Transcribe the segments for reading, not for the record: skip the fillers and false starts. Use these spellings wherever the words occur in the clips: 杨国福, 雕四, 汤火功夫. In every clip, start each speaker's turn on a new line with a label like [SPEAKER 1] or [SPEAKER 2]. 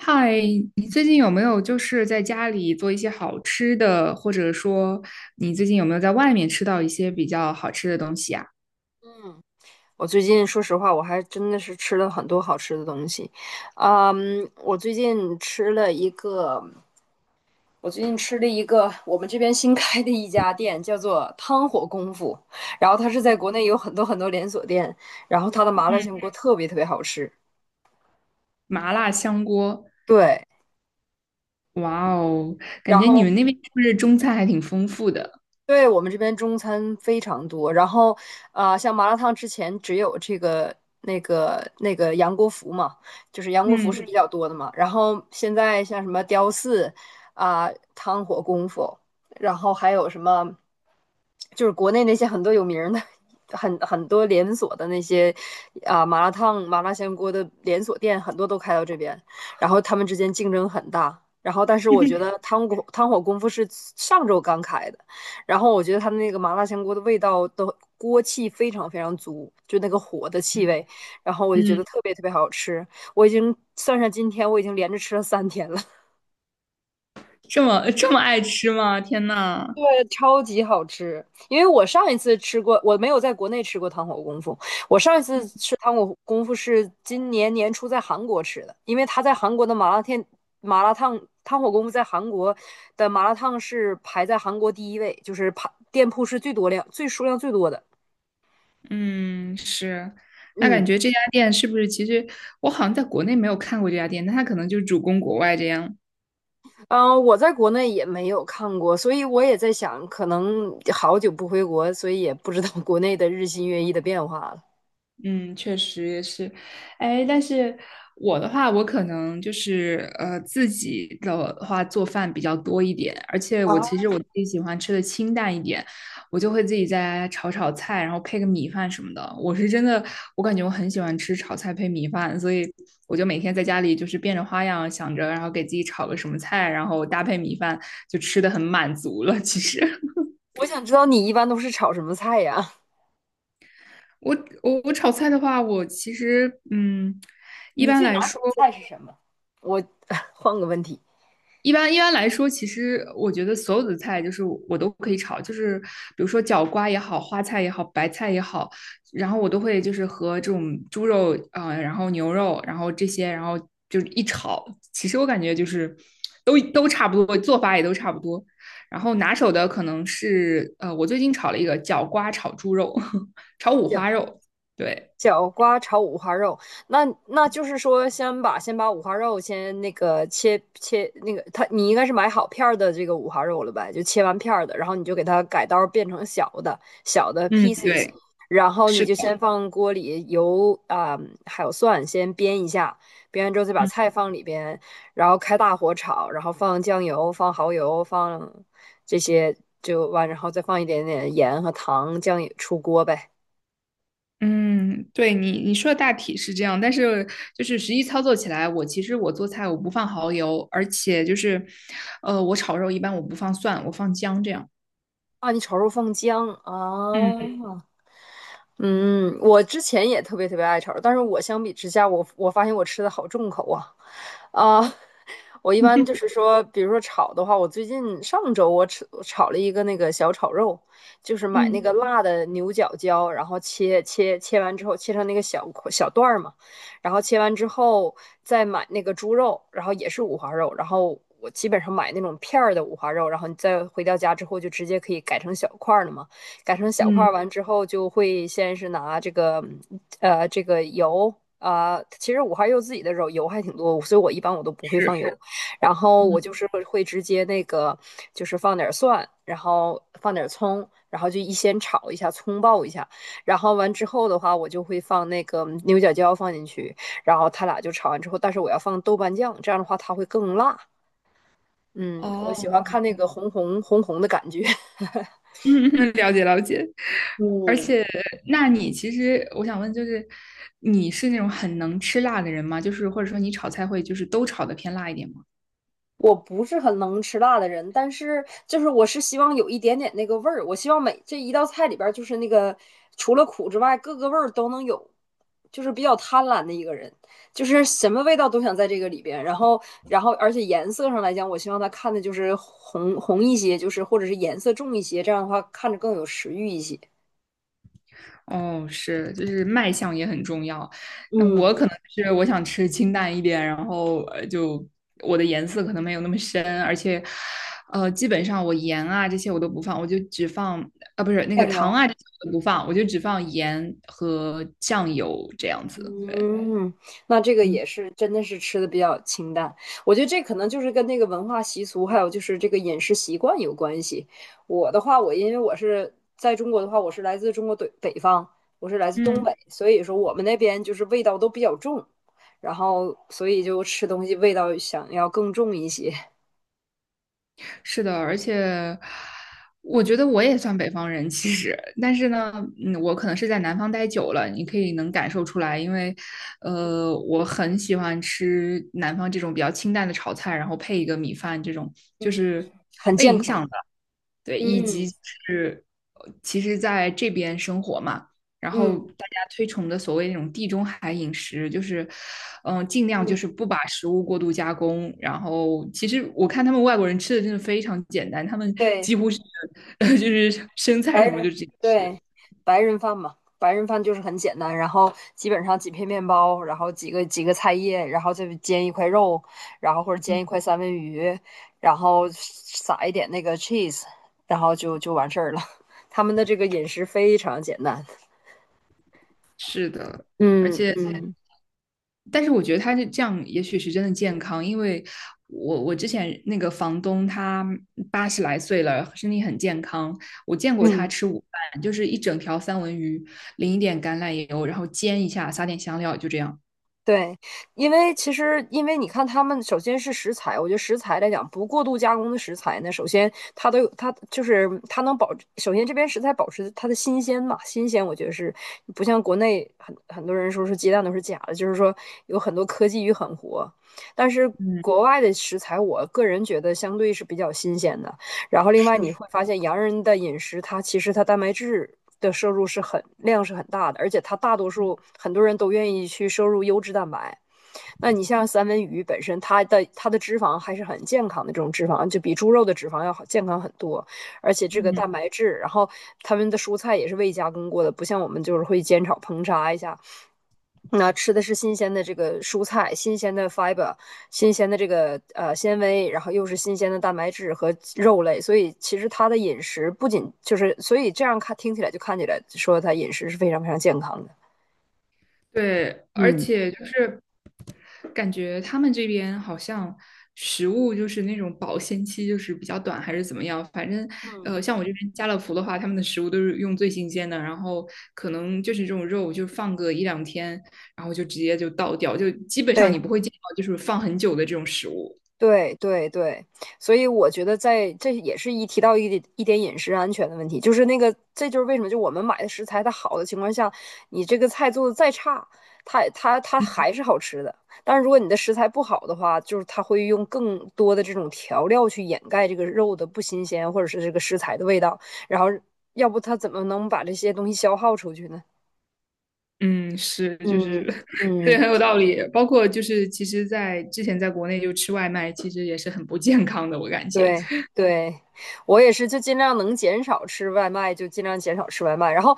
[SPEAKER 1] 嗨，你最近有没有就是在家里做一些好吃的，或者说你最近有没有在外面吃到一些比较好吃的东西啊？
[SPEAKER 2] 嗯，我最近说实话，我还真的是吃了很多好吃的东西。嗯，我最近吃了一个，我最近吃了一个我们这边新开的一家店，叫做汤火功夫。然后它是在国内有很多很多连锁店，然后它的麻辣
[SPEAKER 1] 嗯，
[SPEAKER 2] 香锅特别特别好吃。
[SPEAKER 1] 麻辣香锅，
[SPEAKER 2] 对，
[SPEAKER 1] 哇哦，感
[SPEAKER 2] 然
[SPEAKER 1] 觉你
[SPEAKER 2] 后
[SPEAKER 1] 们那边是不是中餐还挺丰富的？
[SPEAKER 2] 对，我们这边中餐非常多，然后像麻辣烫之前只有这个那个杨国福嘛，就是杨国福是
[SPEAKER 1] 嗯
[SPEAKER 2] 比较多的嘛。然后现在像什么雕四汤火功夫，然后还有什么，就是国内那些很多有名儿的、很多连锁的那些麻辣烫、麻辣香锅的连锁店，很多都开到这边，然后他们之间竞争很大。然后，但是我觉得 汤火功夫是上周刚开的。然后我觉得他的那个麻辣香锅的味道的锅气非常非常足，就那个火的气
[SPEAKER 1] 嗯
[SPEAKER 2] 味，然后我就觉
[SPEAKER 1] 嗯，
[SPEAKER 2] 得特别特别好吃。我已经算上今天，我已经连着吃了三天了。
[SPEAKER 1] 这么这么爱吃吗？天呐，
[SPEAKER 2] 对，超级好吃。因为我上一次吃过，我没有在国内吃过糖火功夫。我上一次吃糖火功夫是今年年初在韩国吃的，因为他在韩国的麻辣烫汤火功夫在韩国的麻辣烫是排在韩国第一位，就是排店铺是最数量最多的。
[SPEAKER 1] 嗯，是，那
[SPEAKER 2] 嗯，
[SPEAKER 1] 感觉这家店是不是其实我好像在国内没有看过这家店，那他可能就主攻国外这样。
[SPEAKER 2] 嗯，我在国内也没有看过，所以我也在想，可能好久不回国，所以也不知道 国内的日新月异的变化了。
[SPEAKER 1] 嗯，确实也是，哎，但是我的话，我可能就是呃自己的话做饭比较多一点，而且我
[SPEAKER 2] 啊，
[SPEAKER 1] 其实我自己喜欢吃的清淡一点，我就会自己在炒炒菜，然后配个米饭什么的。我是真的，我感觉我很喜欢吃炒菜配米饭，所以我就每天在家里就是变着花样想着，然后给自己炒个什么菜，然后搭配米饭，就吃的很满足了。其实
[SPEAKER 2] 我想知道你一般都是炒什么菜呀？
[SPEAKER 1] 我我炒菜的话，我其实嗯。一
[SPEAKER 2] 你
[SPEAKER 1] 般
[SPEAKER 2] 最
[SPEAKER 1] 来
[SPEAKER 2] 拿
[SPEAKER 1] 说，
[SPEAKER 2] 手菜是什么？我 换个问题，
[SPEAKER 1] 一般来说，其实我觉得所有的菜就是我都可以炒，就是比如说角瓜也好，花菜也好，白菜也好，然后我都会就是和这种猪肉啊、呃然后牛肉，然后这些，然后就是一炒，其实我感觉就是都差不多，做法也都差不多。然后拿手的可能是呃，我最近炒了一个角瓜炒猪肉，炒五花肉，对。
[SPEAKER 2] 角瓜炒五花肉，那就是说，先把五花肉先那个切切那个，它你应该是买好片儿的这个五花肉了吧，就切完片儿的，然后你就给它改刀变成小的
[SPEAKER 1] 嗯，
[SPEAKER 2] pieces，
[SPEAKER 1] 对，
[SPEAKER 2] 然后你
[SPEAKER 1] 是
[SPEAKER 2] 就
[SPEAKER 1] 的，
[SPEAKER 2] 先放锅里油还有蒜先煸一下，煸完之后再把
[SPEAKER 1] 嗯。
[SPEAKER 2] 菜放里边，然后开大火炒，然后放酱油、放蚝油、放这些就完，然后再放一点点盐和糖，酱油出锅呗。
[SPEAKER 1] 嗯，对你你说的大体是这样，但是就是实际操作起来，我其实我做菜我不放蚝油，而且就是，呃，我炒肉一般我不放蒜，我放姜这样。
[SPEAKER 2] 啊，你炒肉放姜啊。
[SPEAKER 1] 嗯
[SPEAKER 2] 嗯，我之前也特别特别爱炒肉，但是我相比之下，我发现我吃的好重口啊，啊、我一般就是 说，比如说炒的话，我最近上周我炒了一个那个小炒肉，就是买那
[SPEAKER 1] 嗯
[SPEAKER 2] 个辣的牛角椒，然后切完之后切成那个小块小段儿嘛，然后切完之后再买那个猪肉，然后也是五花肉，然后我基本上买那种片儿的五花肉，然后你再回到家之后就直接可以改成小块儿了嘛。改成小块
[SPEAKER 1] 嗯
[SPEAKER 2] 儿完之后，就会先是拿这个油其实五花肉自己的肉油还挺多，所以我一般都不会放
[SPEAKER 1] 是，
[SPEAKER 2] 油 然后我
[SPEAKER 1] 嗯，
[SPEAKER 2] 就是会直接那个就是放点蒜，然后放点葱，然后就先炒一下，葱爆一下，然后完之后的话，我就会放那个牛角椒放进去，然后它俩就炒完之后，但是我要放豆瓣酱，这样的话它会更辣。嗯，我
[SPEAKER 1] 哦，
[SPEAKER 2] 喜欢看那个红红红红的感觉。
[SPEAKER 1] 嗯嗯，了解了解。而
[SPEAKER 2] 嗯，
[SPEAKER 1] 且，那你其实我想问，就是你是那种很能吃辣的人吗？就是或者说你炒菜会就是都炒的偏辣一点吗？
[SPEAKER 2] 我不是很能吃辣的人，但是就是我是希望有一点点那个味儿，我希望这一道菜里边儿就是那个除了苦之外，各个味儿都能有，就是比较贪婪的一个人，就是什么味道都想在这个里边，然后而且颜色上来讲，我希望他看的就是红红一些，就是或者是颜色重一些，这样的话看着更有食欲一些。
[SPEAKER 1] 哦，是，就是卖相也很重要。那我
[SPEAKER 2] 嗯，
[SPEAKER 1] 可能是我想吃清淡一点，然后呃，就我的颜色可能没有那么深，而且，呃，基本上我盐啊这些我都不放，我就只放啊，不是那个
[SPEAKER 2] 酱
[SPEAKER 1] 糖
[SPEAKER 2] 油。
[SPEAKER 1] 啊这些我都不放，我就只放盐和酱油这样子。对，
[SPEAKER 2] 嗯，那这个
[SPEAKER 1] 嗯。
[SPEAKER 2] 也是真的是吃的比较清淡，我觉得这可能就是跟那个文化习俗，还有就是这个饮食习惯有关系。我的话，我因为我是在中国的话，我是来自中国北方，我是来自东
[SPEAKER 1] 嗯。
[SPEAKER 2] 北，所以说我们那边就是味道都比较重，然后所以就吃东西味道想要更重一些。
[SPEAKER 1] 是的，而且我觉得我也算北方人，其实，但是呢，嗯，我可能是在南方待久了，你可以能感受出来，因为，
[SPEAKER 2] 嗯
[SPEAKER 1] 呃，我很喜欢吃南方这种比较清淡的炒菜，然后配一个米饭，这种就
[SPEAKER 2] 嗯，
[SPEAKER 1] 是
[SPEAKER 2] 很
[SPEAKER 1] 被
[SPEAKER 2] 健
[SPEAKER 1] 影
[SPEAKER 2] 康。
[SPEAKER 1] 响的，对，以及
[SPEAKER 2] 嗯
[SPEAKER 1] 是，呃其实在这边生活嘛。然后
[SPEAKER 2] 嗯
[SPEAKER 1] 大家推崇的所谓那种地中海饮食，就是，嗯、尽量就
[SPEAKER 2] 嗯，
[SPEAKER 1] 是不把食物过度加工。然后其实我看他们外国人吃的真的非常简单，他们几
[SPEAKER 2] 对。
[SPEAKER 1] 乎是 就是生菜
[SPEAKER 2] 白
[SPEAKER 1] 什么就
[SPEAKER 2] 人
[SPEAKER 1] 直接
[SPEAKER 2] 对，
[SPEAKER 1] 吃。
[SPEAKER 2] 白人饭嘛，白人饭就是很简单，然后基本上几片面包，然后几个菜叶，然后再煎一块肉，然后或者煎一块三文鱼，然后撒一点那个 cheese，然后就就完事儿了。他们的这个饮食非常简单。
[SPEAKER 1] 是的，而
[SPEAKER 2] 嗯
[SPEAKER 1] 且
[SPEAKER 2] 嗯
[SPEAKER 1] 但是我觉得他是这样，也许是真的健康，因为我之前那个房东他八十来岁了，身体很健康，我见过他
[SPEAKER 2] 嗯。
[SPEAKER 1] 吃午饭，就是一整条三文鱼，淋一点橄榄油，然后煎一下，撒点香料，就这样。
[SPEAKER 2] 对，因为其实，因为你看，他们首先是食材，我觉得食材来讲，不过度加工的食材呢，首先它都有，它就是它能保，首先这边食材保持它的新鲜嘛，新鲜，我觉得是不像国内很多人说是鸡蛋都是假的，就是说有很多科技与狠活，但是
[SPEAKER 1] 嗯
[SPEAKER 2] 国外的食材，我个人觉得相对是比较新鲜的。然后另外你会发现，洋人的饮食它其实它蛋白质的摄入是很量是很大的，而且它大多数很多人都愿意去摄入优质蛋白。那你像三文鱼本身，它的脂肪还是很健康的，这种脂肪就比猪肉的脂肪要好健康很多，而且这个
[SPEAKER 1] 嗯，
[SPEAKER 2] 蛋白质，然后他们的蔬菜也是未加工过的，不像我们就是会煎炒烹炸一下，那吃的是新鲜的这个蔬菜，新鲜的 fiber，新鲜的这个纤维，然后又是新鲜的蛋白质和肉类，所以其实他的饮食不仅就是，所以这样看听起来就看起来说他饮食是非常非常健康的。
[SPEAKER 1] 对，而
[SPEAKER 2] 嗯，
[SPEAKER 1] 且就是感觉他们这边好像食物就是那种保鲜期就是比较短，还是怎么样？反正
[SPEAKER 2] 嗯，
[SPEAKER 1] 呃，像我这边家乐福的话，他们的食物都是用最新鲜的，然后可能就是这种肉就放个一两天，然后就直接就倒掉，就基本上你
[SPEAKER 2] 对，
[SPEAKER 1] 不会见到就是放很久的这种食物。
[SPEAKER 2] 对对对，所以我觉得在这也是一提到一点一点饮食安全的问题，就是那个，这就是为什么就我们买的食材它好的情况下，你这个菜做的再差，它还是好吃的。但是如果你的食材不好的话，就是它会用更多的这种调料去掩盖这个肉的不新鲜，或者是这个食材的味道，然后要不它怎么能把这些东西消耗出去呢？
[SPEAKER 1] 嗯，是，就是
[SPEAKER 2] 嗯。
[SPEAKER 1] 对，
[SPEAKER 2] 嗯。
[SPEAKER 1] 很有道理。包括就是其实在之前在国内就吃外卖，其实也是很不健康的，我感觉。
[SPEAKER 2] 对对，我也是，就尽量能减少吃外卖，就尽量减少吃外卖。然后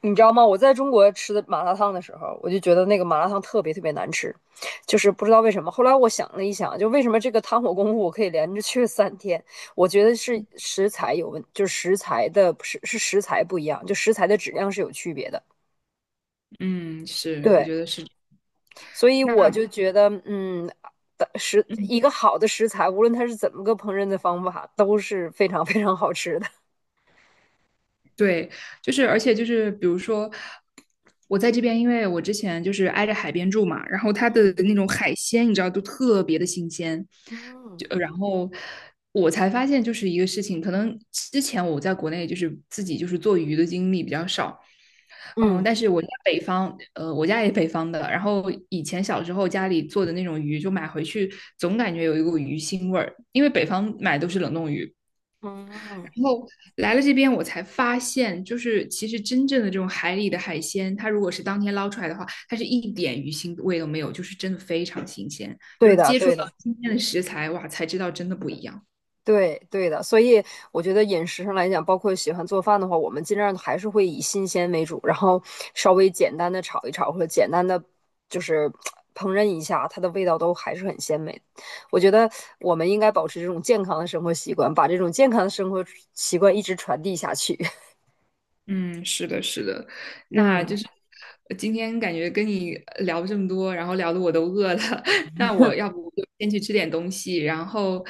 [SPEAKER 2] 你知道吗？我在中国吃的麻辣烫的时候，我就觉得那个麻辣烫特别特别难吃，就是不知道为什么。后来我想了一想，就为什么这个汤火功夫我可以连着去了三天？我觉得是食材有问，就是食材的是食材不一样，就食材的质量是有区别的。
[SPEAKER 1] 嗯，是，我
[SPEAKER 2] 对，
[SPEAKER 1] 觉得是。
[SPEAKER 2] 所以
[SPEAKER 1] 那
[SPEAKER 2] 我就觉得，
[SPEAKER 1] 嗯，
[SPEAKER 2] 一个好的食材，无论它是怎么个烹饪的方法，都是非常非常好吃的。
[SPEAKER 1] 对，就是而且就是比如说，我在这边，因为我之前就是挨着海边住嘛，然后它的那种海鲜，你知道，都特别的新鲜。
[SPEAKER 2] 嗯
[SPEAKER 1] 就呃然后我才发现，就是一个事情，可能之前我在国内就是自己就是做鱼的经历比较少，嗯，
[SPEAKER 2] 嗯
[SPEAKER 1] 但是我家北方，呃，我家也北方的，然后以前小时候家里做的那种鱼，就买回去总感觉有一股鱼腥味儿，因为北方买都是冷冻鱼，
[SPEAKER 2] 嗯，
[SPEAKER 1] 然后来了这边，我才发现，就是其实真正的这种海里的海鲜，它如果是当天捞出来的话，它是一点鱼腥味都没有，就是真的非常新鲜。就
[SPEAKER 2] 对
[SPEAKER 1] 是
[SPEAKER 2] 的，
[SPEAKER 1] 接触
[SPEAKER 2] 对
[SPEAKER 1] 到
[SPEAKER 2] 的，
[SPEAKER 1] 新鲜的食材，哇，才知道真的不一样。
[SPEAKER 2] 对对的，所以我觉得饮食上来讲，包括喜欢做饭的话，我们尽量还是会以新鲜为主，然后稍微简单的炒一炒，或者简单的就是 烹饪一下，它的味道都还是很鲜美的。我觉得我们应该保持这种健康的生活习惯，把这种健康的生活习惯一直传递下去。
[SPEAKER 1] 嗯，是的，是的，那
[SPEAKER 2] 嗯，
[SPEAKER 1] 就是呃今天感觉跟你呃聊这么多，然后聊的我都饿了，那我要不就先去吃点东西，然后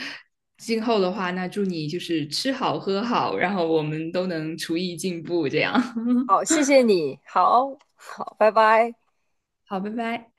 [SPEAKER 1] 今后的话，那祝你就是吃好喝好，然后我们都能厨艺进步，这样。
[SPEAKER 2] 好，谢谢你，好好，拜拜。
[SPEAKER 1] 好，拜拜。